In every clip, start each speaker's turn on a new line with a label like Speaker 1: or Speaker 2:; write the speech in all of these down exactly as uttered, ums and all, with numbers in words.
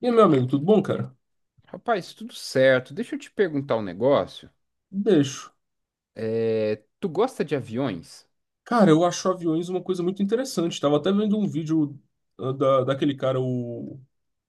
Speaker 1: E aí, meu amigo, tudo bom, cara?
Speaker 2: Rapaz, tudo certo. Deixa eu te perguntar um negócio.
Speaker 1: Deixo.
Speaker 2: É, tu gosta de aviões?
Speaker 1: Cara, eu acho aviões uma coisa muito interessante. Tava até vendo um vídeo ah, da, daquele cara, o,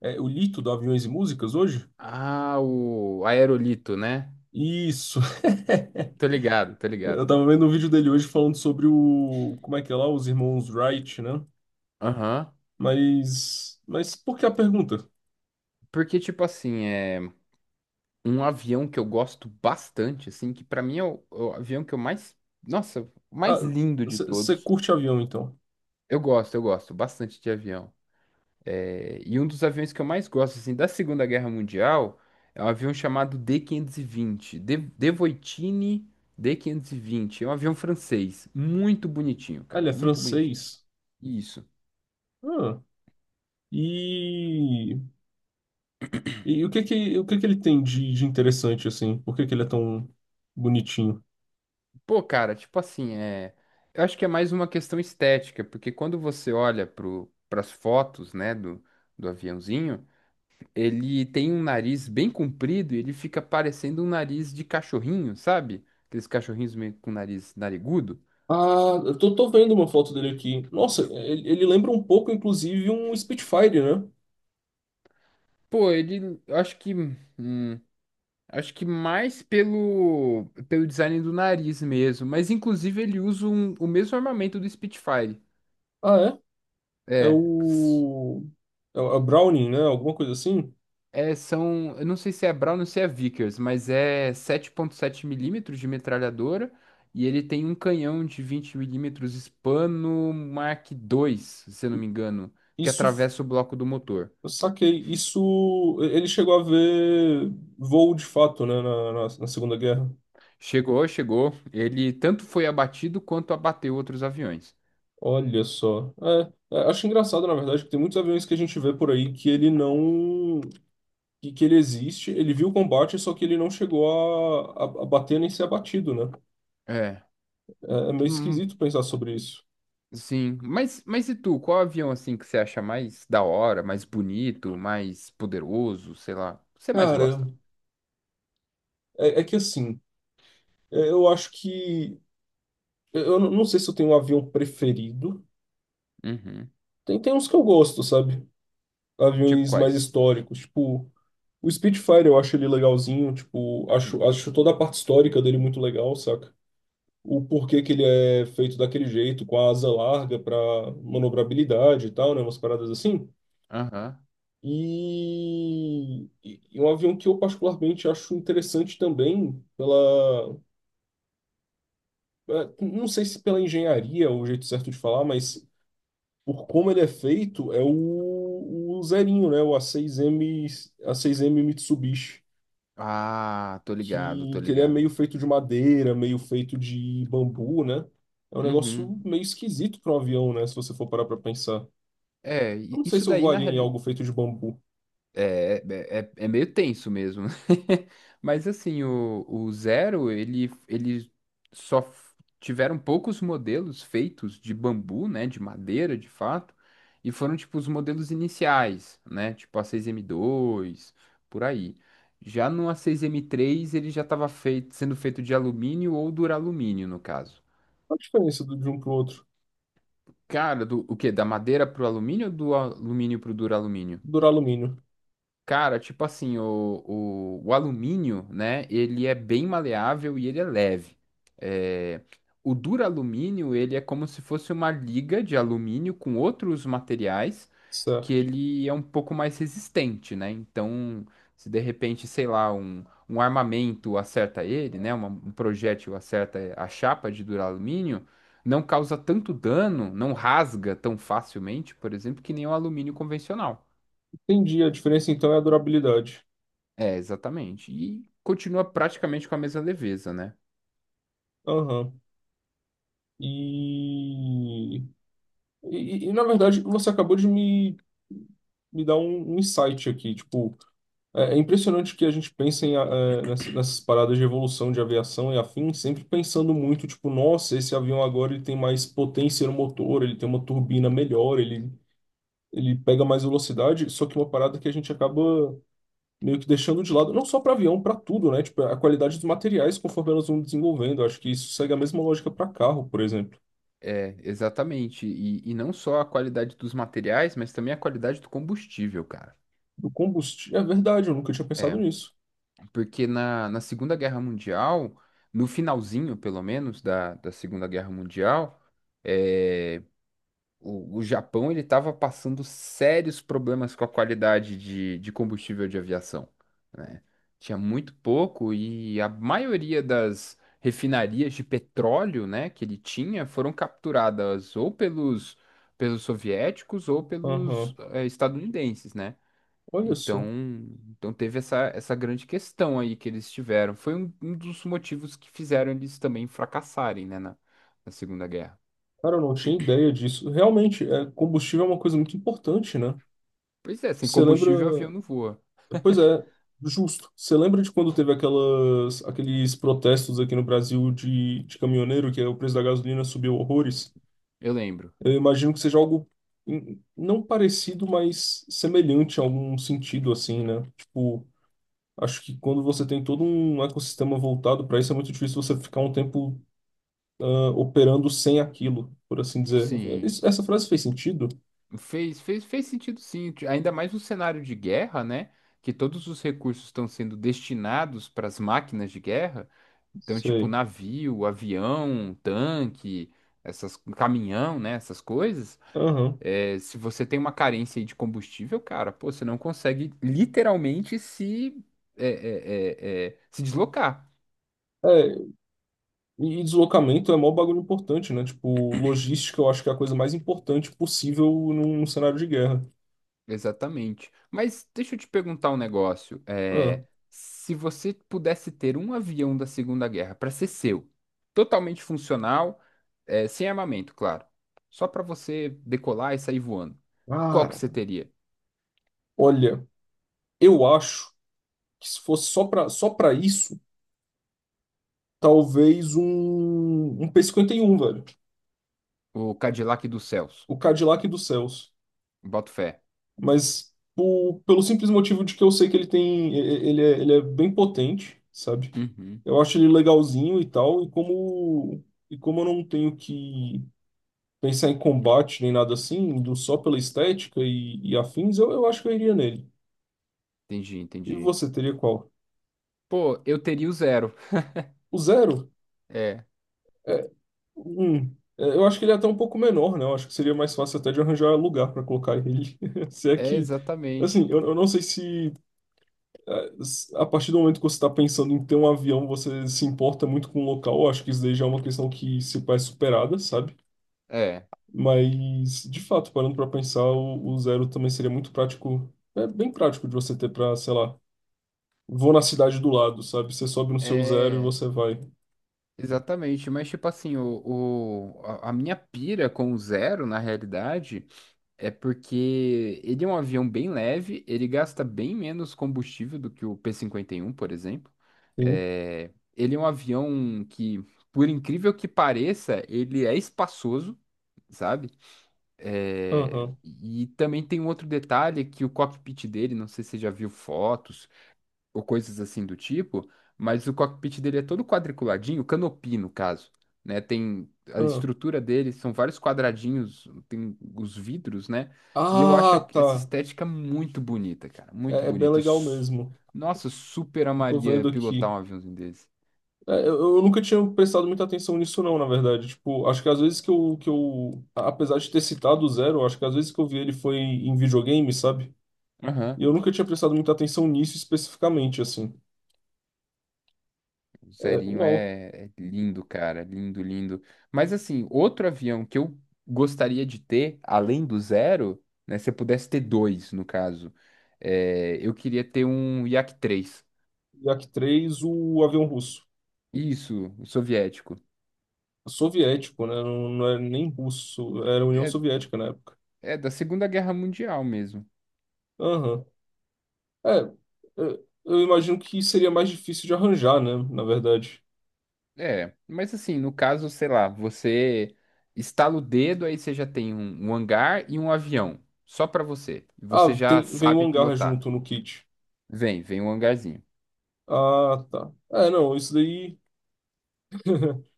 Speaker 1: é, o Lito, do Aviões e Músicas, hoje.
Speaker 2: Ah, o aerolito, né?
Speaker 1: Isso.
Speaker 2: Tô ligado, tô ligado.
Speaker 1: Eu tava vendo um vídeo dele hoje falando sobre o... como é que é lá? Os irmãos Wright, né?
Speaker 2: Aham.
Speaker 1: Mas... Mas por que a pergunta?
Speaker 2: Porque, tipo assim, é um avião que eu gosto bastante, assim, que pra mim é o, é o avião que eu mais. Nossa, o
Speaker 1: Ah,
Speaker 2: mais lindo de
Speaker 1: você
Speaker 2: todos.
Speaker 1: curte avião, então?
Speaker 2: Eu gosto, eu gosto bastante de avião. É, e um dos aviões que eu mais gosto, assim, da Segunda Guerra Mundial é um avião chamado dê quinhentos e vinte. De, Devoitine dê quinhentos e vinte. É um avião francês. Muito bonitinho,
Speaker 1: Ah,
Speaker 2: cara.
Speaker 1: ele é
Speaker 2: Muito bonitinho.
Speaker 1: francês?
Speaker 2: Isso.
Speaker 1: Ah, e... E o que que, o que que ele tem de, de interessante, assim? Por que que ele é tão bonitinho?
Speaker 2: Pô, cara, tipo assim, é... eu acho que é mais uma questão estética, porque quando você olha pro, pras fotos, né, do, do aviãozinho, ele tem um nariz bem comprido e ele fica parecendo um nariz de cachorrinho, sabe? Aqueles cachorrinhos meio com nariz narigudo.
Speaker 1: Ah, eu tô, tô vendo uma foto dele aqui. Nossa, ele, ele lembra um pouco, inclusive, um Spitfire, né?
Speaker 2: Pô, ele, eu acho que, hum, acho que mais pelo, pelo design do nariz mesmo, mas inclusive ele usa um- o mesmo armamento do Spitfire.
Speaker 1: Ah, é? É
Speaker 2: É, s-
Speaker 1: o. É o é o Browning, né? Alguma coisa assim?
Speaker 2: é, são, eu não sei se é Brown ou se é Vickers, mas é sete ponto sete milímetros de metralhadora e ele tem um canhão de vinte milímetros Spano Mark dois, se eu não me engano, que
Speaker 1: Isso.
Speaker 2: atravessa o bloco do motor.
Speaker 1: Eu saquei. Isso. Ele chegou a ver voo de fato, né? Na, na, na Segunda Guerra.
Speaker 2: Chegou, chegou, ele tanto foi abatido quanto abateu outros aviões.
Speaker 1: Olha só. É, é, acho engraçado, na verdade, que tem muitos aviões que a gente vê por aí que ele não. Que, que ele existe, ele viu o combate, só que ele não chegou a, a, a bater nem ser abatido, né?
Speaker 2: É.
Speaker 1: É, é meio
Speaker 2: Hum,
Speaker 1: esquisito pensar sobre isso.
Speaker 2: Sim, mas, mas e tu, qual avião assim que você acha mais da hora, mais bonito, mais poderoso, sei lá, que você mais
Speaker 1: Cara,
Speaker 2: gosta?
Speaker 1: é, é que assim, é, eu acho que. Eu não não sei se eu tenho um avião preferido.
Speaker 2: Uhum.
Speaker 1: Tem, tem uns que eu gosto, sabe?
Speaker 2: Tipo
Speaker 1: Aviões mais
Speaker 2: quais?
Speaker 1: históricos. Tipo, o Spitfire eu acho ele legalzinho. Tipo, acho,
Speaker 2: Uhum.
Speaker 1: acho toda a parte histórica dele muito legal, saca? O porquê que ele é feito daquele jeito, com a asa larga pra manobrabilidade e tal, né? Umas paradas assim.
Speaker 2: Aham.
Speaker 1: E, e e um avião que eu particularmente acho interessante também pela é, não sei se pela engenharia é o jeito certo de falar, mas por como ele é feito, é o, o zerinho, né? O A seis M, A seis M Mitsubishi,
Speaker 2: Ah, tô ligado,
Speaker 1: que,
Speaker 2: tô
Speaker 1: que ele é meio
Speaker 2: ligado.
Speaker 1: feito de madeira, meio feito de bambu, né? É um negócio
Speaker 2: Uhum.
Speaker 1: meio esquisito para um avião, né? Se você for parar para pensar.
Speaker 2: É,
Speaker 1: Eu
Speaker 2: i-
Speaker 1: não sei
Speaker 2: isso
Speaker 1: se eu
Speaker 2: daí na
Speaker 1: voaria em
Speaker 2: realidade.
Speaker 1: algo feito de bambu.
Speaker 2: É, é, é é meio tenso mesmo. Mas assim, o, o Zero, ele, ele só f- tiveram poucos modelos feitos de bambu, né? De madeira, de fato. E foram, tipo, os modelos iniciais, né? Tipo a seis M dois, por aí. Já no A seis M três, ele já estava feito, sendo feito de alumínio ou duralumínio, no caso.
Speaker 1: Qual a diferença do- de um para o outro?
Speaker 2: Cara, do, o quê? Da madeira pro alumínio ou do alumínio pro duralumínio?
Speaker 1: Duralumínio.
Speaker 2: Cara, tipo assim, o, o, o alumínio, né, ele é bem maleável e ele é leve. É, o duralumínio, ele é como se fosse uma liga de alumínio com outros materiais que
Speaker 1: Certo.
Speaker 2: ele é um pouco mais resistente, né? Então, se de repente, sei lá, um, um armamento acerta ele, né, uma- um projétil acerta a chapa de duralumínio, não causa tanto dano, não rasga tão facilmente, por exemplo, que nem o alumínio convencional.
Speaker 1: Entendi. A diferença então é a durabilidade.
Speaker 2: É, exatamente. E continua praticamente com a mesma leveza, né?
Speaker 1: Aham. E E, e- na verdade, você acabou de me, me dar um, um insight aqui. Tipo, é, é impressionante que a gente pense em, eh, nessa- nessas paradas de evolução de aviação e afins, sempre pensando muito, tipo, nossa, esse avião agora ele tem mais potência no motor, ele tem uma turbina melhor, ele, ele pega mais velocidade. Só que uma parada que a gente acaba meio que deixando de lado, não só para avião, para tudo, né? Tipo, a qualidade dos materiais conforme elas vão desenvolvendo. Eu acho que isso segue a mesma lógica para carro, por exemplo.
Speaker 2: É, exatamente. E, e não só a qualidade dos materiais, mas também a qualidade do combustível, cara.
Speaker 1: Do combustível. É verdade, eu nunca tinha pensado
Speaker 2: É,
Speaker 1: nisso.
Speaker 2: porque na, na Segunda Guerra Mundial, no finalzinho, pelo menos, da, da Segunda Guerra Mundial, eh, O, o Japão ele estava passando sérios problemas com a qualidade de, de combustível de aviação, né? Tinha muito pouco e a maioria das refinarias de petróleo, né, que ele tinha foram capturadas ou pelos, pelos soviéticos ou pelos
Speaker 1: Aham.
Speaker 2: eh, estadunidenses, né?
Speaker 1: Olha
Speaker 2: Então,
Speaker 1: só.
Speaker 2: então teve essa, essa grande questão aí que eles tiveram. Foi um, um dos motivos que fizeram eles também fracassarem, né, na, na Segunda Guerra.
Speaker 1: Cara, eu não tinha ideia disso. Realmente, é, combustível é uma coisa muito importante, né?
Speaker 2: Pois é, sem
Speaker 1: Você lembra.
Speaker 2: combustível o avião não voa.
Speaker 1: Pois é, justo. Você lembra de quando teve aquelas, aqueles protestos aqui no Brasil de, de caminhoneiro, que é o preço da gasolina subiu horrores?
Speaker 2: Eu lembro.
Speaker 1: Eu imagino que seja algo hum, não parecido, mas semelhante a algum sentido, assim, né? Tipo, acho que quando você tem todo um ecossistema voltado para isso, é muito difícil você ficar um tempo ah, operando sem aquilo, por assim dizer.
Speaker 2: Sim.
Speaker 1: Isso- essa frase fez sentido?
Speaker 2: Fez, fez, fez sentido, sim. Ti- Ainda mais no cenário de guerra, né? Que todos os recursos estão sendo destinados para as máquinas de guerra. Então, tipo,
Speaker 1: Sei.
Speaker 2: navio, avião, tanque, essas, caminhão, né? Essas coisas.
Speaker 1: Aham.
Speaker 2: É, se você tem uma carência aí de combustível, cara, pô, você não consegue literalmente se, é, é, é, é, se deslocar.
Speaker 1: É, e deslocamento é mó bagulho importante, né? Tipo, logística eu acho que é a coisa mais importante possível num cenário de guerra.
Speaker 2: Exatamente. Mas deixa eu te perguntar um negócio.
Speaker 1: Ah,
Speaker 2: É, se você pudesse ter um avião da Segunda Guerra para ser seu, totalmente funcional, é, sem armamento, claro, só para você decolar e sair voando, qual que você
Speaker 1: cara,
Speaker 2: teria?
Speaker 1: olha, eu acho que se fosse só pra, só pra isso, talvez um, um p cinquenta e um velho.
Speaker 2: O Cadillac dos céus.
Speaker 1: O Cadillac dos céus.
Speaker 2: Boto fé.
Speaker 1: Mas po- pelo simples motivo de que eu sei que ele tem. e- Ele é, ele é bem potente, sabe?
Speaker 2: Uhum,
Speaker 1: Eu acho ele legalzinho e tal, e como. E como eu não tenho que pensar em combate nem nada assim, indo só pela estética e, e afins, eu, eu acho que eu iria nele.
Speaker 2: entendi,
Speaker 1: E
Speaker 2: entendi.
Speaker 1: você teria qual?
Speaker 2: Pô, eu teria o Zero.
Speaker 1: O zero?
Speaker 2: É,
Speaker 1: É, um. É, eu acho que ele é até um pouco menor, né? Eu acho que seria mais fácil até de arranjar lugar para colocar ele. Se é
Speaker 2: é
Speaker 1: que.
Speaker 2: exatamente.
Speaker 1: Assim, eu, eu não sei se eh, s- a partir do momento que você está pensando em ter um avião, você se importa muito com o local. Eu acho que isso daí já é uma questão que se faz superada, sabe?
Speaker 2: É,
Speaker 1: Mas, de fato, parando para pensar, o, o zero também seria muito prático. É bem prático de você ter para, sei lá, vou na cidade do lado, sabe? Você sobe no seu zero e
Speaker 2: é.
Speaker 1: você vai.
Speaker 2: Exatamente, mas tipo assim, o, o- a a minha pira com o Zero, na realidade, é porque ele é um avião bem leve, ele gasta bem menos combustível do que o p cinquenta e um, por exemplo.
Speaker 1: Sim.
Speaker 2: É, ele é um avião que, por incrível que pareça, ele é espaçoso, sabe? É,
Speaker 1: Aham.
Speaker 2: e também tem um outro detalhe que o cockpit dele, não sei se você já viu fotos, ou coisas assim do tipo, mas o cockpit dele é todo quadriculadinho, canopy no caso, né? Tem a
Speaker 1: Aham.
Speaker 2: estrutura dele, são vários quadradinhos, tem os vidros, né? E eu acho
Speaker 1: Ah,
Speaker 2: essa
Speaker 1: tá.
Speaker 2: estética muito bonita, cara, muito
Speaker 1: É, é bem
Speaker 2: bonita. Eu
Speaker 1: legal
Speaker 2: su-
Speaker 1: mesmo.
Speaker 2: Nossa, eu super
Speaker 1: Eu tô
Speaker 2: amaria
Speaker 1: vendo
Speaker 2: pilotar
Speaker 1: aqui.
Speaker 2: um aviãozinho desse.
Speaker 1: É, eu, eu nunca tinha prestado muita atenção nisso, não, na verdade. Tipo, acho que às vezes que eu, que eu, a- apesar de ter citado o zero, acho que às vezes que eu vi ele foi em videogame, sabe? E eu nunca tinha prestado muita atenção nisso especificamente, assim.
Speaker 2: O
Speaker 1: É,
Speaker 2: Zerinho
Speaker 1: uau.
Speaker 2: é, é lindo, cara. Lindo, lindo. Mas assim, outro avião que eu gostaria de ter, além do Zero, né? Se eu pudesse ter dois, no caso, é, eu queria ter um Yak três.
Speaker 1: Yak três, o avião russo.
Speaker 2: Isso, o soviético.
Speaker 1: Soviético, né? Não, não era nem russo. Era União
Speaker 2: É,
Speaker 1: Soviética na época.
Speaker 2: é da Segunda Guerra Mundial mesmo.
Speaker 1: Aham. É, eu eu imagino que seria mais difícil de arranjar, né? Na verdade.
Speaker 2: É, mas assim, no caso, sei lá, você estala o dedo, aí você já tem um, um hangar e um avião, só pra você. E
Speaker 1: Ah,
Speaker 2: você já
Speaker 1: tem, vem um
Speaker 2: sabe
Speaker 1: hangar
Speaker 2: pilotar.
Speaker 1: junto no kit.
Speaker 2: Vem, vem um hangarzinho.
Speaker 1: Ah, tá. É, não, isso daí.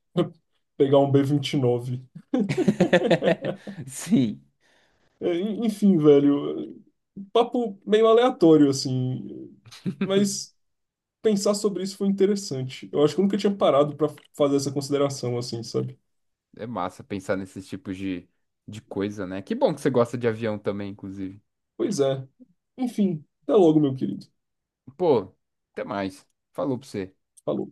Speaker 1: Pegar um B vinte e nove.
Speaker 2: Sim.
Speaker 1: É, en- Enfim, velho. Papo meio aleatório, assim. Mas pensar sobre isso foi interessante. Eu acho que eu nunca tinha parado pra fazer essa consideração, assim, sabe?
Speaker 2: É massa pensar nesses tipos de, de coisa, né? Que bom que você gosta de avião também, inclusive.
Speaker 1: Pois é. Enfim, até logo, meu querido.
Speaker 2: Pô, até mais. Falou pra você.
Speaker 1: Falou.